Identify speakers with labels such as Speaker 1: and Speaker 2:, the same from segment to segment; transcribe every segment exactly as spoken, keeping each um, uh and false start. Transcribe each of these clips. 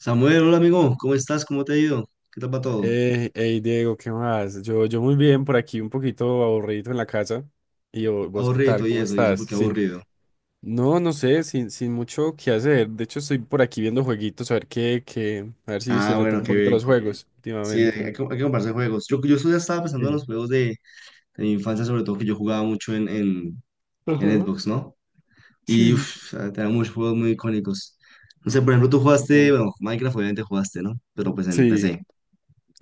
Speaker 1: Samuel, hola amigo, ¿cómo estás? ¿Cómo te ha ido? ¿Qué tal va todo?
Speaker 2: Eh, hey Diego, ¿qué más? Yo, yo muy bien, por aquí un poquito aburrido en la casa. ¿Y vo- vos qué
Speaker 1: Aburrido
Speaker 2: tal?
Speaker 1: y
Speaker 2: ¿Cómo
Speaker 1: eso, y eso,
Speaker 2: estás?
Speaker 1: porque
Speaker 2: Sí.
Speaker 1: aburrido.
Speaker 2: No, no sé, sin, sin mucho que hacer. De hecho, estoy por aquí viendo jueguitos, a ver qué, qué, a ver si, si
Speaker 1: Ah, bueno,
Speaker 2: retomo un
Speaker 1: qué
Speaker 2: poquito
Speaker 1: bien,
Speaker 2: los
Speaker 1: qué bien.
Speaker 2: juegos
Speaker 1: Sí, hay
Speaker 2: últimamente, ¿no?
Speaker 1: que, hay que comprarse juegos. Yo, yo ya estaba pensando en
Speaker 2: Sí.
Speaker 1: los juegos de, de mi infancia, sobre todo que yo jugaba mucho en, en, en
Speaker 2: Ajá,
Speaker 1: Xbox, ¿no? Y
Speaker 2: sí.
Speaker 1: uf, tenía muchos juegos muy icónicos. No sé, por ejemplo, tú jugaste,
Speaker 2: Retomo.
Speaker 1: bueno, Minecraft obviamente jugaste, ¿no? Pero pues en
Speaker 2: Sí,
Speaker 1: P C,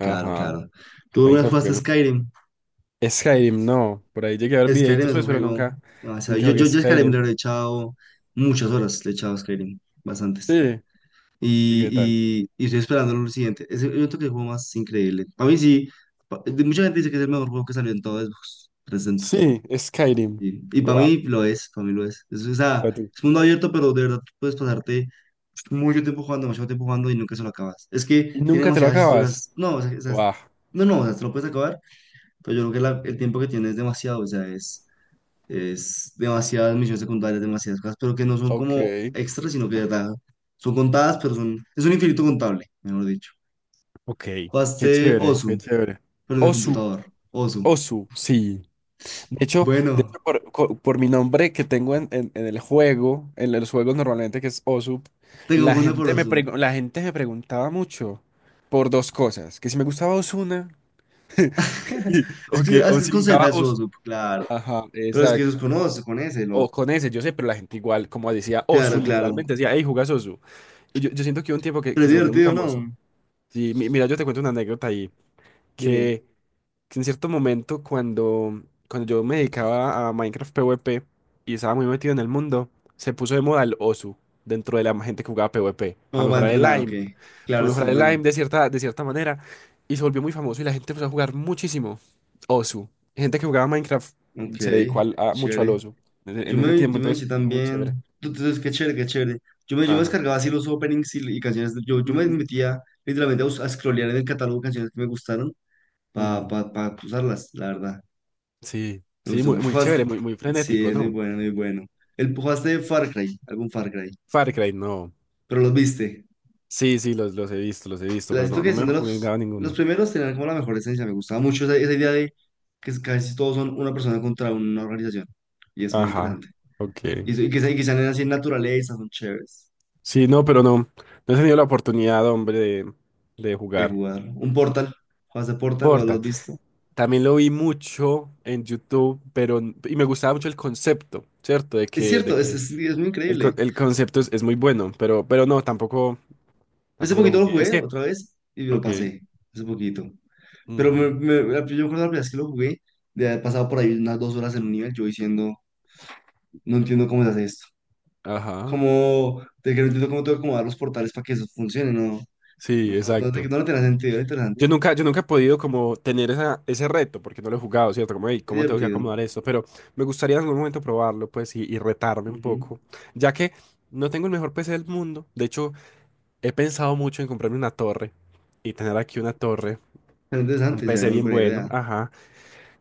Speaker 1: claro, claro. ¿Tú alguna vez
Speaker 2: Minecraft
Speaker 1: jugaste
Speaker 2: juguemos.
Speaker 1: Skyrim?
Speaker 2: Skyrim, no. Por ahí llegué a ver
Speaker 1: Skyrim
Speaker 2: videitos,
Speaker 1: es un
Speaker 2: pues, pero
Speaker 1: juego
Speaker 2: nunca,
Speaker 1: demasiado.
Speaker 2: nunca
Speaker 1: Yo,
Speaker 2: jugué
Speaker 1: yo, yo a Skyrim
Speaker 2: Skyrim.
Speaker 1: le he echado muchas horas, le he echado a Skyrim, bastantes.
Speaker 2: Sí. ¿Y qué tal?
Speaker 1: Y, y, y estoy esperando lo siguiente. Es el, yo creo que el juego más increíble. Para mí sí. Pa- de- mucha gente dice que es el mejor juego que salió en todo Xbox trescientos sesenta.
Speaker 2: Sí, Skyrim.
Speaker 1: Y, y para
Speaker 2: Guau.
Speaker 1: mí lo es, para mí lo es. Es, o sea,
Speaker 2: Pa' tú.
Speaker 1: es mundo abierto, pero de verdad tú puedes pasarte mucho tiempo jugando, demasiado tiempo jugando y nunca se lo acabas. Es que
Speaker 2: ¿Y
Speaker 1: tiene
Speaker 2: nunca te lo
Speaker 1: demasiadas
Speaker 2: acabas?
Speaker 1: historias. No, o sea, o sea,
Speaker 2: Wow,
Speaker 1: no, no, o sea, te lo puedes acabar, pero yo creo que la- el tiempo que tiene es demasiado. O sea, es, es demasiadas misiones secundarias, demasiadas cosas, pero que no son como
Speaker 2: ok.
Speaker 1: extras, sino que de verdad son contadas, pero son, es un infinito contable, mejor dicho.
Speaker 2: Ok. Qué
Speaker 1: Jugaste
Speaker 2: chévere, qué
Speaker 1: Osu,
Speaker 2: chévere.
Speaker 1: pero en el
Speaker 2: Osu,
Speaker 1: computador. Osu.
Speaker 2: Osu, sí. De hecho, de
Speaker 1: Bueno,
Speaker 2: hecho por, co- por mi nombre que tengo en, en- en el juego, en los juegos normalmente que es Osu,
Speaker 1: te
Speaker 2: la
Speaker 1: confunde por
Speaker 2: gente me
Speaker 1: Osu.
Speaker 2: pregu- la gente me preguntaba mucho por dos cosas, que si me gustaba Osuna y-
Speaker 1: Es
Speaker 2: o
Speaker 1: que
Speaker 2: que
Speaker 1: ah, es,
Speaker 2: o
Speaker 1: que es
Speaker 2: si
Speaker 1: con Z
Speaker 2: jugaba
Speaker 1: es
Speaker 2: Osu.
Speaker 1: Osu, claro.
Speaker 2: Ajá,
Speaker 1: Pero es que eso es
Speaker 2: exacto.
Speaker 1: con Osu, con ese, el
Speaker 2: O
Speaker 1: Osu.
Speaker 2: con ese, yo sé, pero la gente igual, como decía Osu,
Speaker 1: Claro, claro.
Speaker 2: literalmente decía, hey, jugas Osu. Y yo, yo siento que hubo un tiempo que,
Speaker 1: Pero
Speaker 2: que
Speaker 1: es
Speaker 2: se volvió muy
Speaker 1: divertido, ¿no?
Speaker 2: famoso. Sí, mi- mira, yo te cuento una anécdota ahí.
Speaker 1: Dime.
Speaker 2: que, que en cierto momento cuando, cuando yo me dedicaba a Minecraft PvP y estaba muy metido en el mundo, se puso de moda el Osu dentro de la gente que jugaba PvP
Speaker 1: ¿Cómo
Speaker 2: para
Speaker 1: va a
Speaker 2: mejorar el
Speaker 1: entrenar? Ok.
Speaker 2: aim,
Speaker 1: Claro,
Speaker 2: para
Speaker 1: es que
Speaker 2: mejorar
Speaker 1: es
Speaker 2: el
Speaker 1: bueno.
Speaker 2: aim de cierta, de cierta manera, y se volvió muy famoso y la gente empezó a jugar muchísimo Osu. Gente que jugaba Minecraft
Speaker 1: Ok,
Speaker 2: se dedicó al- a- mucho al
Speaker 1: chévere.
Speaker 2: Osu en ese
Speaker 1: Yo
Speaker 2: en ese
Speaker 1: me,
Speaker 2: tiempo,
Speaker 1: yo me
Speaker 2: entonces
Speaker 1: eché
Speaker 2: fue muy chévere.
Speaker 1: también. Entonces, qué chévere, qué chévere. Yo me, yo me
Speaker 2: Ajá.
Speaker 1: descargaba así los openings y, y canciones. Yo, yo me
Speaker 2: Ujú.
Speaker 1: metía literalmente a, bus- a scrollear en el catálogo canciones que me gustaron para
Speaker 2: Ujú.
Speaker 1: pa, pa pa usarlas, la verdad.
Speaker 2: Sí,
Speaker 1: Me
Speaker 2: sí,
Speaker 1: gustó
Speaker 2: muy,
Speaker 1: mucho.
Speaker 2: muy
Speaker 1: Jugaste-
Speaker 2: chévere, muy, muy
Speaker 1: Sí,
Speaker 2: frenético,
Speaker 1: es muy
Speaker 2: ¿no?
Speaker 1: bueno, muy bueno. El jugaste de Far Cry, algún Far Cry.
Speaker 2: Far Cry, no.
Speaker 1: Pero los viste.
Speaker 2: Sí, sí, los, los he visto, los he visto,
Speaker 1: La
Speaker 2: pero
Speaker 1: siento
Speaker 2: no, no
Speaker 1: que
Speaker 2: me he
Speaker 1: son de los,
Speaker 2: jugado
Speaker 1: los
Speaker 2: ninguno.
Speaker 1: primeros, tenían como la mejor esencia. Me gustaba mucho esa, esa idea de que es- casi todos son una persona contra una organización. Y es muy
Speaker 2: Ajá,
Speaker 1: interesante.
Speaker 2: ok.
Speaker 1: Y, eso- y que, se- y que sean así en naturaleza, son chéveres.
Speaker 2: Sí, no, pero no, no he tenido la oportunidad, hombre, de, de
Speaker 1: De
Speaker 2: jugar.
Speaker 1: jugar Un Portal, ¿juegas de Portal lo has
Speaker 2: Porta.
Speaker 1: visto?
Speaker 2: También lo vi mucho en YouTube, pero, n- y me gustaba mucho el concepto, ¿cierto? De
Speaker 1: Es
Speaker 2: que, de
Speaker 1: cierto, es,
Speaker 2: que
Speaker 1: es, es muy
Speaker 2: el, con-
Speaker 1: increíble.
Speaker 2: el concepto es, es muy bueno, pero, pero no, tampoco,
Speaker 1: Yo hace
Speaker 2: tampoco lo
Speaker 1: poquito lo
Speaker 2: jugué. Es
Speaker 1: jugué
Speaker 2: que,
Speaker 1: otra vez y lo
Speaker 2: ok.
Speaker 1: pasé, hace poquito. Pero me,
Speaker 2: Ujú,
Speaker 1: me- la- yo me acuerdo la primera vez que lo jugué, de haber pasado por ahí unas dos horas en un nivel, yo diciendo, no entiendo cómo se hace esto.
Speaker 2: ajá,
Speaker 1: Como, de que no entiendo cómo tengo que acomodar los portales para que eso funcione, no. No,
Speaker 2: sí,
Speaker 1: no, no,
Speaker 2: exacto.
Speaker 1: no le tenía sentido, era interesante.
Speaker 2: Yo nunca, yo nunca he podido como tener esa, ese reto, porque no lo he jugado, ¿cierto? Como, "Ey,
Speaker 1: Es
Speaker 2: ¿cómo tengo que
Speaker 1: divertido.
Speaker 2: acomodar esto?" Pero me gustaría en algún momento probarlo, pues, y, y retarme un
Speaker 1: Ujú.
Speaker 2: poco, ya que no tengo el mejor P C del mundo. De hecho, he pensado mucho en comprarme una torre y tener aquí una torre,
Speaker 1: Era
Speaker 2: un
Speaker 1: interesante,
Speaker 2: P C
Speaker 1: sería muy
Speaker 2: bien
Speaker 1: buena
Speaker 2: bueno,
Speaker 1: idea.
Speaker 2: ajá.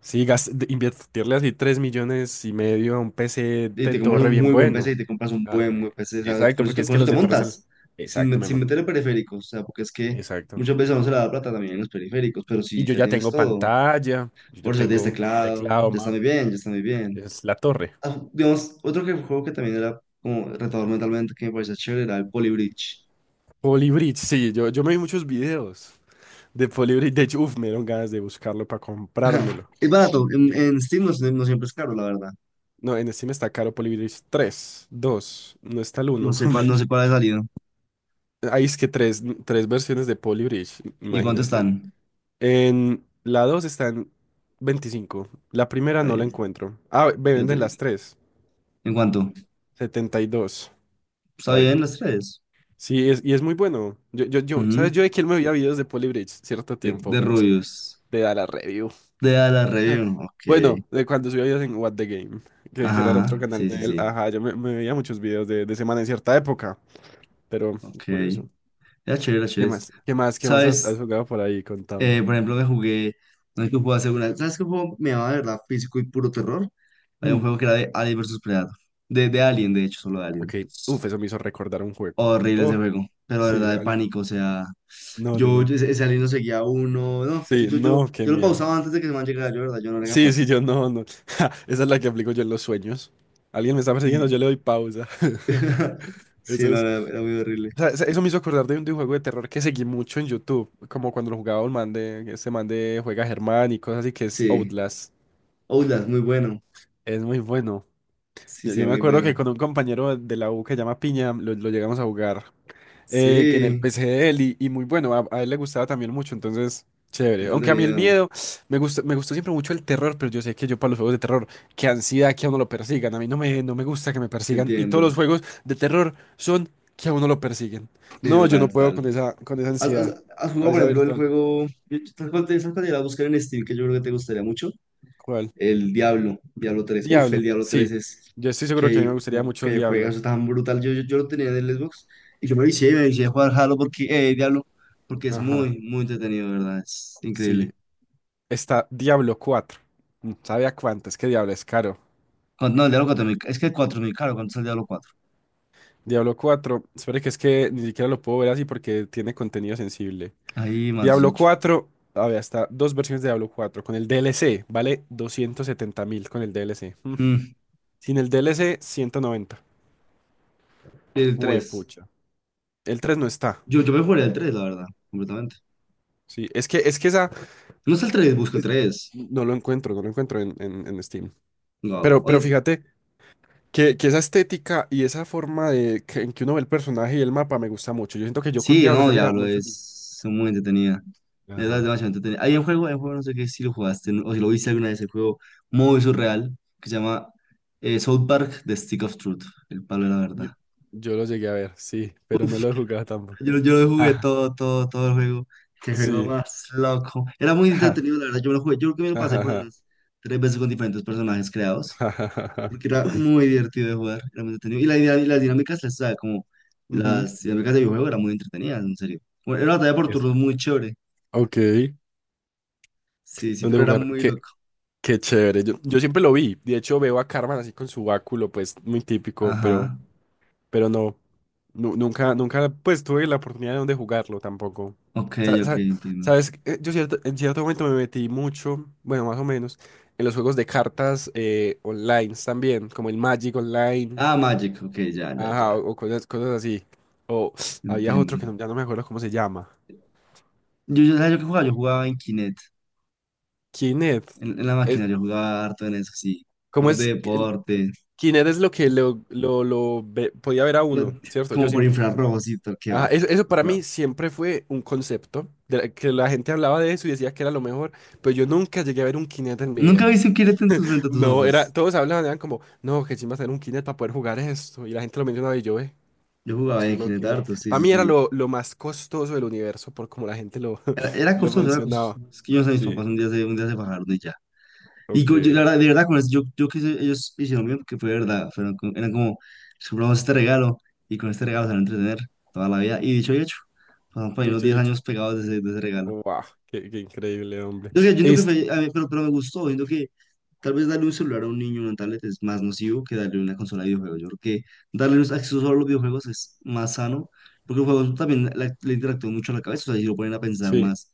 Speaker 2: Sí, gas- de- invertirle así tres millones y medio a un P C
Speaker 1: Y
Speaker 2: de
Speaker 1: te compras
Speaker 2: torre
Speaker 1: un
Speaker 2: bien
Speaker 1: muy buen
Speaker 2: bueno.
Speaker 1: P C y te compras un
Speaker 2: Ah,
Speaker 1: buen, buen
Speaker 2: eh,
Speaker 1: P C, ¿sabes?
Speaker 2: exacto,
Speaker 1: Con eso
Speaker 2: porque
Speaker 1: te,
Speaker 2: es
Speaker 1: con
Speaker 2: que
Speaker 1: eso
Speaker 2: los
Speaker 1: te
Speaker 2: de torre salen...
Speaker 1: montas, sin,
Speaker 2: Exacto,
Speaker 1: me- sin
Speaker 2: Memo,
Speaker 1: meterle periféricos, o sea, porque es que
Speaker 2: exacto.
Speaker 1: muchas veces no se le da plata también en los periféricos, pero
Speaker 2: Y
Speaker 1: sí,
Speaker 2: yo
Speaker 1: ya
Speaker 2: ya
Speaker 1: tienes
Speaker 2: tengo
Speaker 1: todo.
Speaker 2: pantalla, yo ya
Speaker 1: Por eso ya tienes
Speaker 2: tengo
Speaker 1: teclado,
Speaker 2: teclado.
Speaker 1: ya está muy bien, ya está muy bien.
Speaker 2: Es la torre.
Speaker 1: Ah, digamos, otro que, juego que también era como retador mentalmente, que me parecía chévere, era el Poly Bridge.
Speaker 2: Polybridge, sí, yo, yo me vi muchos videos de Polybridge. De hecho, uf, me dieron ganas de buscarlo para comprármelo.
Speaker 1: Es barato, en, en Steam no, es- no siempre es caro, la verdad.
Speaker 2: No, en Steam está caro Polybridge tres, dos. No está el
Speaker 1: No
Speaker 2: uno.
Speaker 1: sé cuál, no sé cuál ha salido.
Speaker 2: Ahí es que tres tres versiones de Polybridge,
Speaker 1: ¿Y cuánto
Speaker 2: imagínate.
Speaker 1: están?
Speaker 2: En la dos está en veinticinco. La primera
Speaker 1: Está
Speaker 2: no la
Speaker 1: bien.
Speaker 2: encuentro. Ah, me
Speaker 1: ¿Y el
Speaker 2: venden las
Speaker 1: tre-
Speaker 2: tres,
Speaker 1: ¿En cuánto?
Speaker 2: setenta y dos.
Speaker 1: Está
Speaker 2: Está
Speaker 1: bien,
Speaker 2: bien.
Speaker 1: las tres.
Speaker 2: Sí, es, y es muy bueno. Yo, yo, yo, ¿sabes?
Speaker 1: Ujú.
Speaker 2: Yo de quién me veía videos de Polybridge cierto
Speaker 1: De,
Speaker 2: tiempo.
Speaker 1: de rubios.
Speaker 2: Te da la review.
Speaker 1: De a la review, ok.
Speaker 2: Bueno, de cuando subía videos en What the Game, que, que era el
Speaker 1: Ajá,
Speaker 2: otro
Speaker 1: ajá,
Speaker 2: canal
Speaker 1: sí, sí,
Speaker 2: de él.
Speaker 1: sí.
Speaker 2: Ajá, yo me, me veía muchos videos de, de semana en cierta época, pero
Speaker 1: Ok.
Speaker 2: curioso.
Speaker 1: Era chévere, era
Speaker 2: ¿Qué
Speaker 1: chévere.
Speaker 2: más? ¿Qué más? ¿Qué más has, has
Speaker 1: ¿Sabes?
Speaker 2: jugado por ahí?
Speaker 1: Eh,
Speaker 2: Contame.
Speaker 1: por ejemplo, me jugué. No sé qué juego hacer una. ¿Sabes qué juego me llamaba de verdad físico y puro terror? Había un
Speaker 2: Hmm,
Speaker 1: juego que era de Alien vs Predator. De, de Alien, de hecho, solo de
Speaker 2: ok,
Speaker 1: Alien.
Speaker 2: uf, eso me hizo recordar un juego.
Speaker 1: Horrible ese
Speaker 2: Oh,
Speaker 1: juego. Pero de
Speaker 2: sí,
Speaker 1: verdad de
Speaker 2: vale.
Speaker 1: pánico, o sea.
Speaker 2: No, yo
Speaker 1: Yo,
Speaker 2: no.
Speaker 1: yo ese, ese Alien lo seguía a uno. No, yo,
Speaker 2: Sí,
Speaker 1: yo, yo,
Speaker 2: no, qué
Speaker 1: yo lo
Speaker 2: miedo.
Speaker 1: pausaba antes de que se me llegara, yo, de verdad, yo no era
Speaker 2: Sí, sí,
Speaker 1: capaz.
Speaker 2: yo no, no. Ja, esa es la que aplico yo en los sueños. Alguien me está
Speaker 1: Y.
Speaker 2: persiguiendo, yo le doy pausa.
Speaker 1: Sí,
Speaker 2: Eso
Speaker 1: no,
Speaker 2: es
Speaker 1: era, era muy horrible.
Speaker 2: O sea, eso me hizo acordar de un, de un juego de terror que seguí mucho en YouTube, como cuando lo jugaba un man de, este man de juega Germán y cosas así, que es
Speaker 1: Sí.
Speaker 2: Outlast.
Speaker 1: Outlast, muy bueno.
Speaker 2: Es muy bueno.
Speaker 1: Sí,
Speaker 2: Yo, yo
Speaker 1: sí,
Speaker 2: me
Speaker 1: muy
Speaker 2: acuerdo que
Speaker 1: bueno.
Speaker 2: con un compañero de la U que se llama Piña, lo, lo llegamos a jugar eh, en el
Speaker 1: Sí,
Speaker 2: P C de él y, y muy bueno, a, a él le gustaba también mucho, entonces
Speaker 1: qué
Speaker 2: chévere. Aunque a mí el
Speaker 1: entretenido.
Speaker 2: miedo, me gusta, me gustó siempre mucho el terror, pero yo sé que yo para los juegos de terror, qué ansiedad que a uno lo persigan, a mí no me, no me gusta que me persigan y todos los
Speaker 1: Entiendo.
Speaker 2: juegos de terror son que a uno lo persiguen.
Speaker 1: Sí,
Speaker 2: No, yo
Speaker 1: total,
Speaker 2: no puedo
Speaker 1: total.
Speaker 2: con esa, con esa
Speaker 1: ¿Has,
Speaker 2: ansiedad,
Speaker 1: has- has jugado, por
Speaker 2: ansiedad
Speaker 1: ejemplo, el
Speaker 2: virtual.
Speaker 1: juego? ¿Sabes cuál te, sabes cuál te iba a buscar en Steam que yo creo que te gustaría mucho?
Speaker 2: ¿Cuál?
Speaker 1: El Diablo, Diablo tres. Uf, el
Speaker 2: Diablo,
Speaker 1: Diablo tres
Speaker 2: sí.
Speaker 1: es
Speaker 2: Yo estoy seguro que a
Speaker 1: que,
Speaker 2: mí me gustaría
Speaker 1: ju-
Speaker 2: mucho
Speaker 1: que
Speaker 2: Diablo.
Speaker 1: juegas tan brutal. Yo, yo, yo lo tenía en el Xbox y yo me vicié, me vicié a jugar Halo porque, eh, Diablo, porque es
Speaker 2: Ajá,
Speaker 1: muy, muy entretenido, de ¿verdad? Es increíble.
Speaker 2: sí. Está Diablo cuatro. Mm, ¿sabe a cuánto? Es que Diablo es caro.
Speaker 1: Cuan- No, el Diablo cuatro es que cuatro mil caro. ¿Cuánto es el Diablo cuatro?
Speaker 2: Diablo cuatro, espere que es que ni siquiera lo puedo ver así porque tiene contenido sensible.
Speaker 1: Ahí más
Speaker 2: Diablo
Speaker 1: dieciocho.
Speaker 2: cuatro, a ver, hasta dos versiones de Diablo cuatro. Con el D L C vale doscientos setenta mil con el D L C. Mm.
Speaker 1: Mm,
Speaker 2: Sin el D L C, ciento noventa.
Speaker 1: el tres,
Speaker 2: Huepucha. El tres no está.
Speaker 1: Yo, yo me jugaría el tres, la verdad, completamente.
Speaker 2: Sí, es que, es que esa...
Speaker 1: No está el tres, busca el
Speaker 2: es-
Speaker 1: tres.
Speaker 2: no lo encuentro, no lo encuentro en, en- en Steam.
Speaker 1: Wow.
Speaker 2: Pero,
Speaker 1: O
Speaker 2: pero fíjate que, que esa estética y esa forma de que, en que uno ve el personaje y el mapa me gusta mucho. Yo siento que yo con
Speaker 1: sí,
Speaker 2: Diablo
Speaker 1: no,
Speaker 2: sería
Speaker 1: Diablo,
Speaker 2: muy feliz.
Speaker 1: es muy entretenida. De verdad, es
Speaker 2: Ajá.
Speaker 1: demasiado entretenida. Hay un juego, hay un juego, no sé qué, si lo jugaste no- o si lo viste alguna vez, el juego muy surreal que se llama eh, South Park The Stick of Truth, el palo de la
Speaker 2: Yo,
Speaker 1: verdad.
Speaker 2: yo lo llegué a ver, sí, pero no lo he jugado tampoco.
Speaker 1: Yo, yo lo jugué
Speaker 2: Ah,
Speaker 1: todo, todo, todo el juego. Qué juego
Speaker 2: sí.
Speaker 1: más loco. Era muy
Speaker 2: Ja,
Speaker 1: entretenido, la verdad. Yo me lo jugué, yo creo que me lo
Speaker 2: ja,
Speaker 1: pasé
Speaker 2: ja,
Speaker 1: por ahí
Speaker 2: ja,
Speaker 1: unas tres veces con diferentes personajes creados.
Speaker 2: ja, ja, ja, ja.
Speaker 1: Porque era muy divertido de jugar, era muy entretenido. Y, la idea, y las dinámicas, las, ¿sabe? Como
Speaker 2: Ujú.
Speaker 1: las dinámicas de videojuego eran muy entretenidas, en serio. Bueno, era una batalla por
Speaker 2: Eso.
Speaker 1: turnos muy chévere.
Speaker 2: Ok,
Speaker 1: Sí, sí,
Speaker 2: ¿dónde
Speaker 1: pero era
Speaker 2: jugar?
Speaker 1: muy
Speaker 2: Qué,
Speaker 1: loco.
Speaker 2: qué chévere. Yo, yo siempre lo vi. De hecho, veo a Carmen así con su báculo, pues muy típico, pero,
Speaker 1: Ajá.
Speaker 2: pero no, nu- nunca, nunca, pues tuve la oportunidad de jugarlo tampoco.
Speaker 1: Ok,
Speaker 2: Sa-
Speaker 1: ok,
Speaker 2: sa-
Speaker 1: entiendo.
Speaker 2: Sabes, Eh, yo cierto- en cierto momento me metí mucho, bueno, más o menos, en los juegos de cartas eh, online también, como el Magic Online.
Speaker 1: Ah, Magic, ok, ya, ya, ya.
Speaker 2: Ajá, o o cosas, cosas así. O había
Speaker 1: Entiendo.
Speaker 2: otro que no- ya no me acuerdo cómo se llama.
Speaker 1: Yo, yo, ¿sabes yo qué jugaba? Yo jugaba en Kinect,
Speaker 2: Kinect.
Speaker 1: en, en la
Speaker 2: Es,
Speaker 1: máquina, yo jugaba harto en eso, sí.
Speaker 2: ¿Cómo
Speaker 1: Juegos de
Speaker 2: es que el-
Speaker 1: deporte,
Speaker 2: Kinect es lo que lo, lo, lo ve- podía ver a
Speaker 1: lo-
Speaker 2: uno, ¿cierto? Yo
Speaker 1: como por
Speaker 2: siempre.
Speaker 1: infrarrojo, sí,
Speaker 2: Ajá,
Speaker 1: toqueaba.
Speaker 2: eso, eso
Speaker 1: Súper
Speaker 2: para mí
Speaker 1: raro.
Speaker 2: siempre fue un concepto, de la- que la gente hablaba de eso y decía que era lo mejor, pero yo nunca llegué a ver un Kinect en mi
Speaker 1: ¿Nunca
Speaker 2: vida.
Speaker 1: viste un Kinect en tus, frente a tus
Speaker 2: No, era,
Speaker 1: ojos?
Speaker 2: todos hablaban, eran como, no, que sí va a tener un Kinect para poder jugar esto, y la gente lo mencionaba y yo, eh.
Speaker 1: Yo jugaba
Speaker 2: Sí,
Speaker 1: en Kinect
Speaker 2: Monkey Island.
Speaker 1: harto, sí,
Speaker 2: Para
Speaker 1: sí,
Speaker 2: mí era
Speaker 1: sí.
Speaker 2: lo, lo más costoso del universo por como la gente lo,
Speaker 1: Era, era
Speaker 2: lo
Speaker 1: costoso, era
Speaker 2: mencionaba.
Speaker 1: costoso. Es que yo no sé, mis
Speaker 2: Sí,
Speaker 1: papás un día se, un día se bajaron y ya. Y co- yo, la
Speaker 2: ok.
Speaker 1: verdad, de verdad, con eso, yo, yo que sé, ellos hicieron bien porque fue de verdad. Fueron, como- eran como, "Les compramos este regalo y con este regalo se van a entretener toda la vida". Y dicho y hecho, pasaron por ahí unos
Speaker 2: Dicho
Speaker 1: diez
Speaker 2: y hecho.
Speaker 1: años pegados de ese, de ese regalo.
Speaker 2: Wow, qué, qué increíble, hombre.
Speaker 1: Yo, que- yo siento que
Speaker 2: Es,
Speaker 1: fue, a mí- pero, pero me gustó. Siento que tal vez darle un celular a un niño, una tablet, es más nocivo que darle una consola de videojuegos. Yo creo que darle un acceso solo a los videojuegos es más sano porque los juegos también la- le interactúan mucho a la cabeza. O sea, y lo ponen a pensar
Speaker 2: sí,
Speaker 1: más.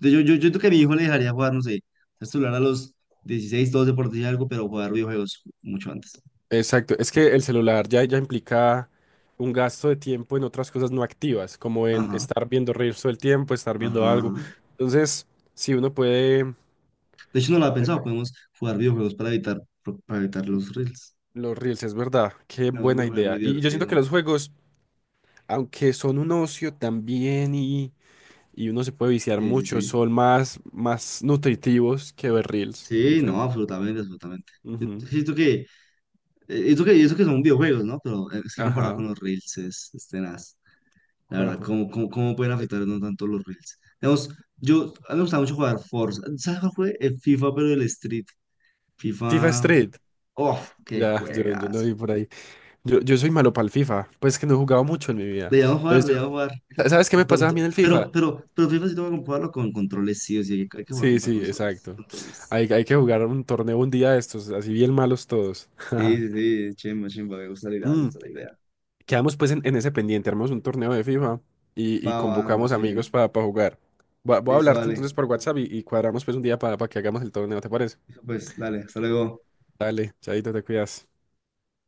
Speaker 1: Yo, yo, yo creo que a mi hijo le dejaría jugar, no sé, el celular a los dieciséis doce por decir algo, pero jugar videojuegos mucho antes.
Speaker 2: exacto. Es que el celular ya, ya implica un gasto de tiempo en otras cosas no activas, como en
Speaker 1: Ajá,
Speaker 2: estar viendo reels todo el tiempo, estar
Speaker 1: ajá,
Speaker 2: viendo algo.
Speaker 1: ajá.
Speaker 2: Entonces, si uno puede,
Speaker 1: De hecho, no lo había pensado, podemos jugar videojuegos para evitar, para evitar, los reels.
Speaker 2: los reels es verdad. Qué
Speaker 1: No, es un
Speaker 2: buena
Speaker 1: videojuego muy
Speaker 2: idea. Y yo siento que
Speaker 1: divertido.
Speaker 2: los juegos, aunque son un ocio también y y uno se puede viciar
Speaker 1: Sí, sí,
Speaker 2: mucho,
Speaker 1: sí.
Speaker 2: son más, más nutritivos que ver Reels.
Speaker 1: Sí,
Speaker 2: muchas-
Speaker 1: no, absolutamente, absolutamente. Yo
Speaker 2: Ujú.
Speaker 1: Siento que, eh, eso que, y eso que son videojuegos, ¿no? Pero eh, es que comparado con
Speaker 2: Ajá,
Speaker 1: los reels es, es tenaz. La verdad,
Speaker 2: ajá.
Speaker 1: ¿cómo, cómo, cómo pueden afectarnos tanto los reels? Digamos, yo, a mí me gustaba mucho jugar Forza. ¿Sabes cuál fue? El FIFA, pero el Street.
Speaker 2: FIFA
Speaker 1: FIFA.
Speaker 2: Street.
Speaker 1: ¡Oh, qué
Speaker 2: Ya, yo, yo lo
Speaker 1: juegas!
Speaker 2: vi por ahí. Yo, yo soy malo para el FIFA, pues que no he jugado mucho en mi vida.
Speaker 1: Debíamos jugar,
Speaker 2: Entonces yo,
Speaker 1: debíamos jugar.
Speaker 2: Sa- ¿sabes qué me
Speaker 1: Nos toca
Speaker 2: pasaba a
Speaker 1: to-
Speaker 2: mí en el FIFA?
Speaker 1: Pero, pero, pero FIFA sí tengo que comprarlo con controles, sí o sí. Hay que jugar a
Speaker 2: Sí,
Speaker 1: comprar
Speaker 2: sí,
Speaker 1: consoles,
Speaker 2: exacto.
Speaker 1: controles.
Speaker 2: Hay, hay que jugar un torneo un día de estos, así bien malos todos.
Speaker 1: Sí, sí, sí, chimba, chimba. Me gusta la idea, me
Speaker 2: Mm.
Speaker 1: gusta la idea.
Speaker 2: Quedamos pues en, en ese pendiente, armamos un torneo de FIFA y, y
Speaker 1: Va, va, me
Speaker 2: convocamos
Speaker 1: parece bien.
Speaker 2: amigos para jugar. Voy a, voy a
Speaker 1: Listo,
Speaker 2: hablarte
Speaker 1: dale.
Speaker 2: entonces por WhatsApp y, y cuadramos pues un día para que hagamos el torneo, ¿te parece?
Speaker 1: Pues, dale, hasta luego.
Speaker 2: Dale, chaito, te cuidas.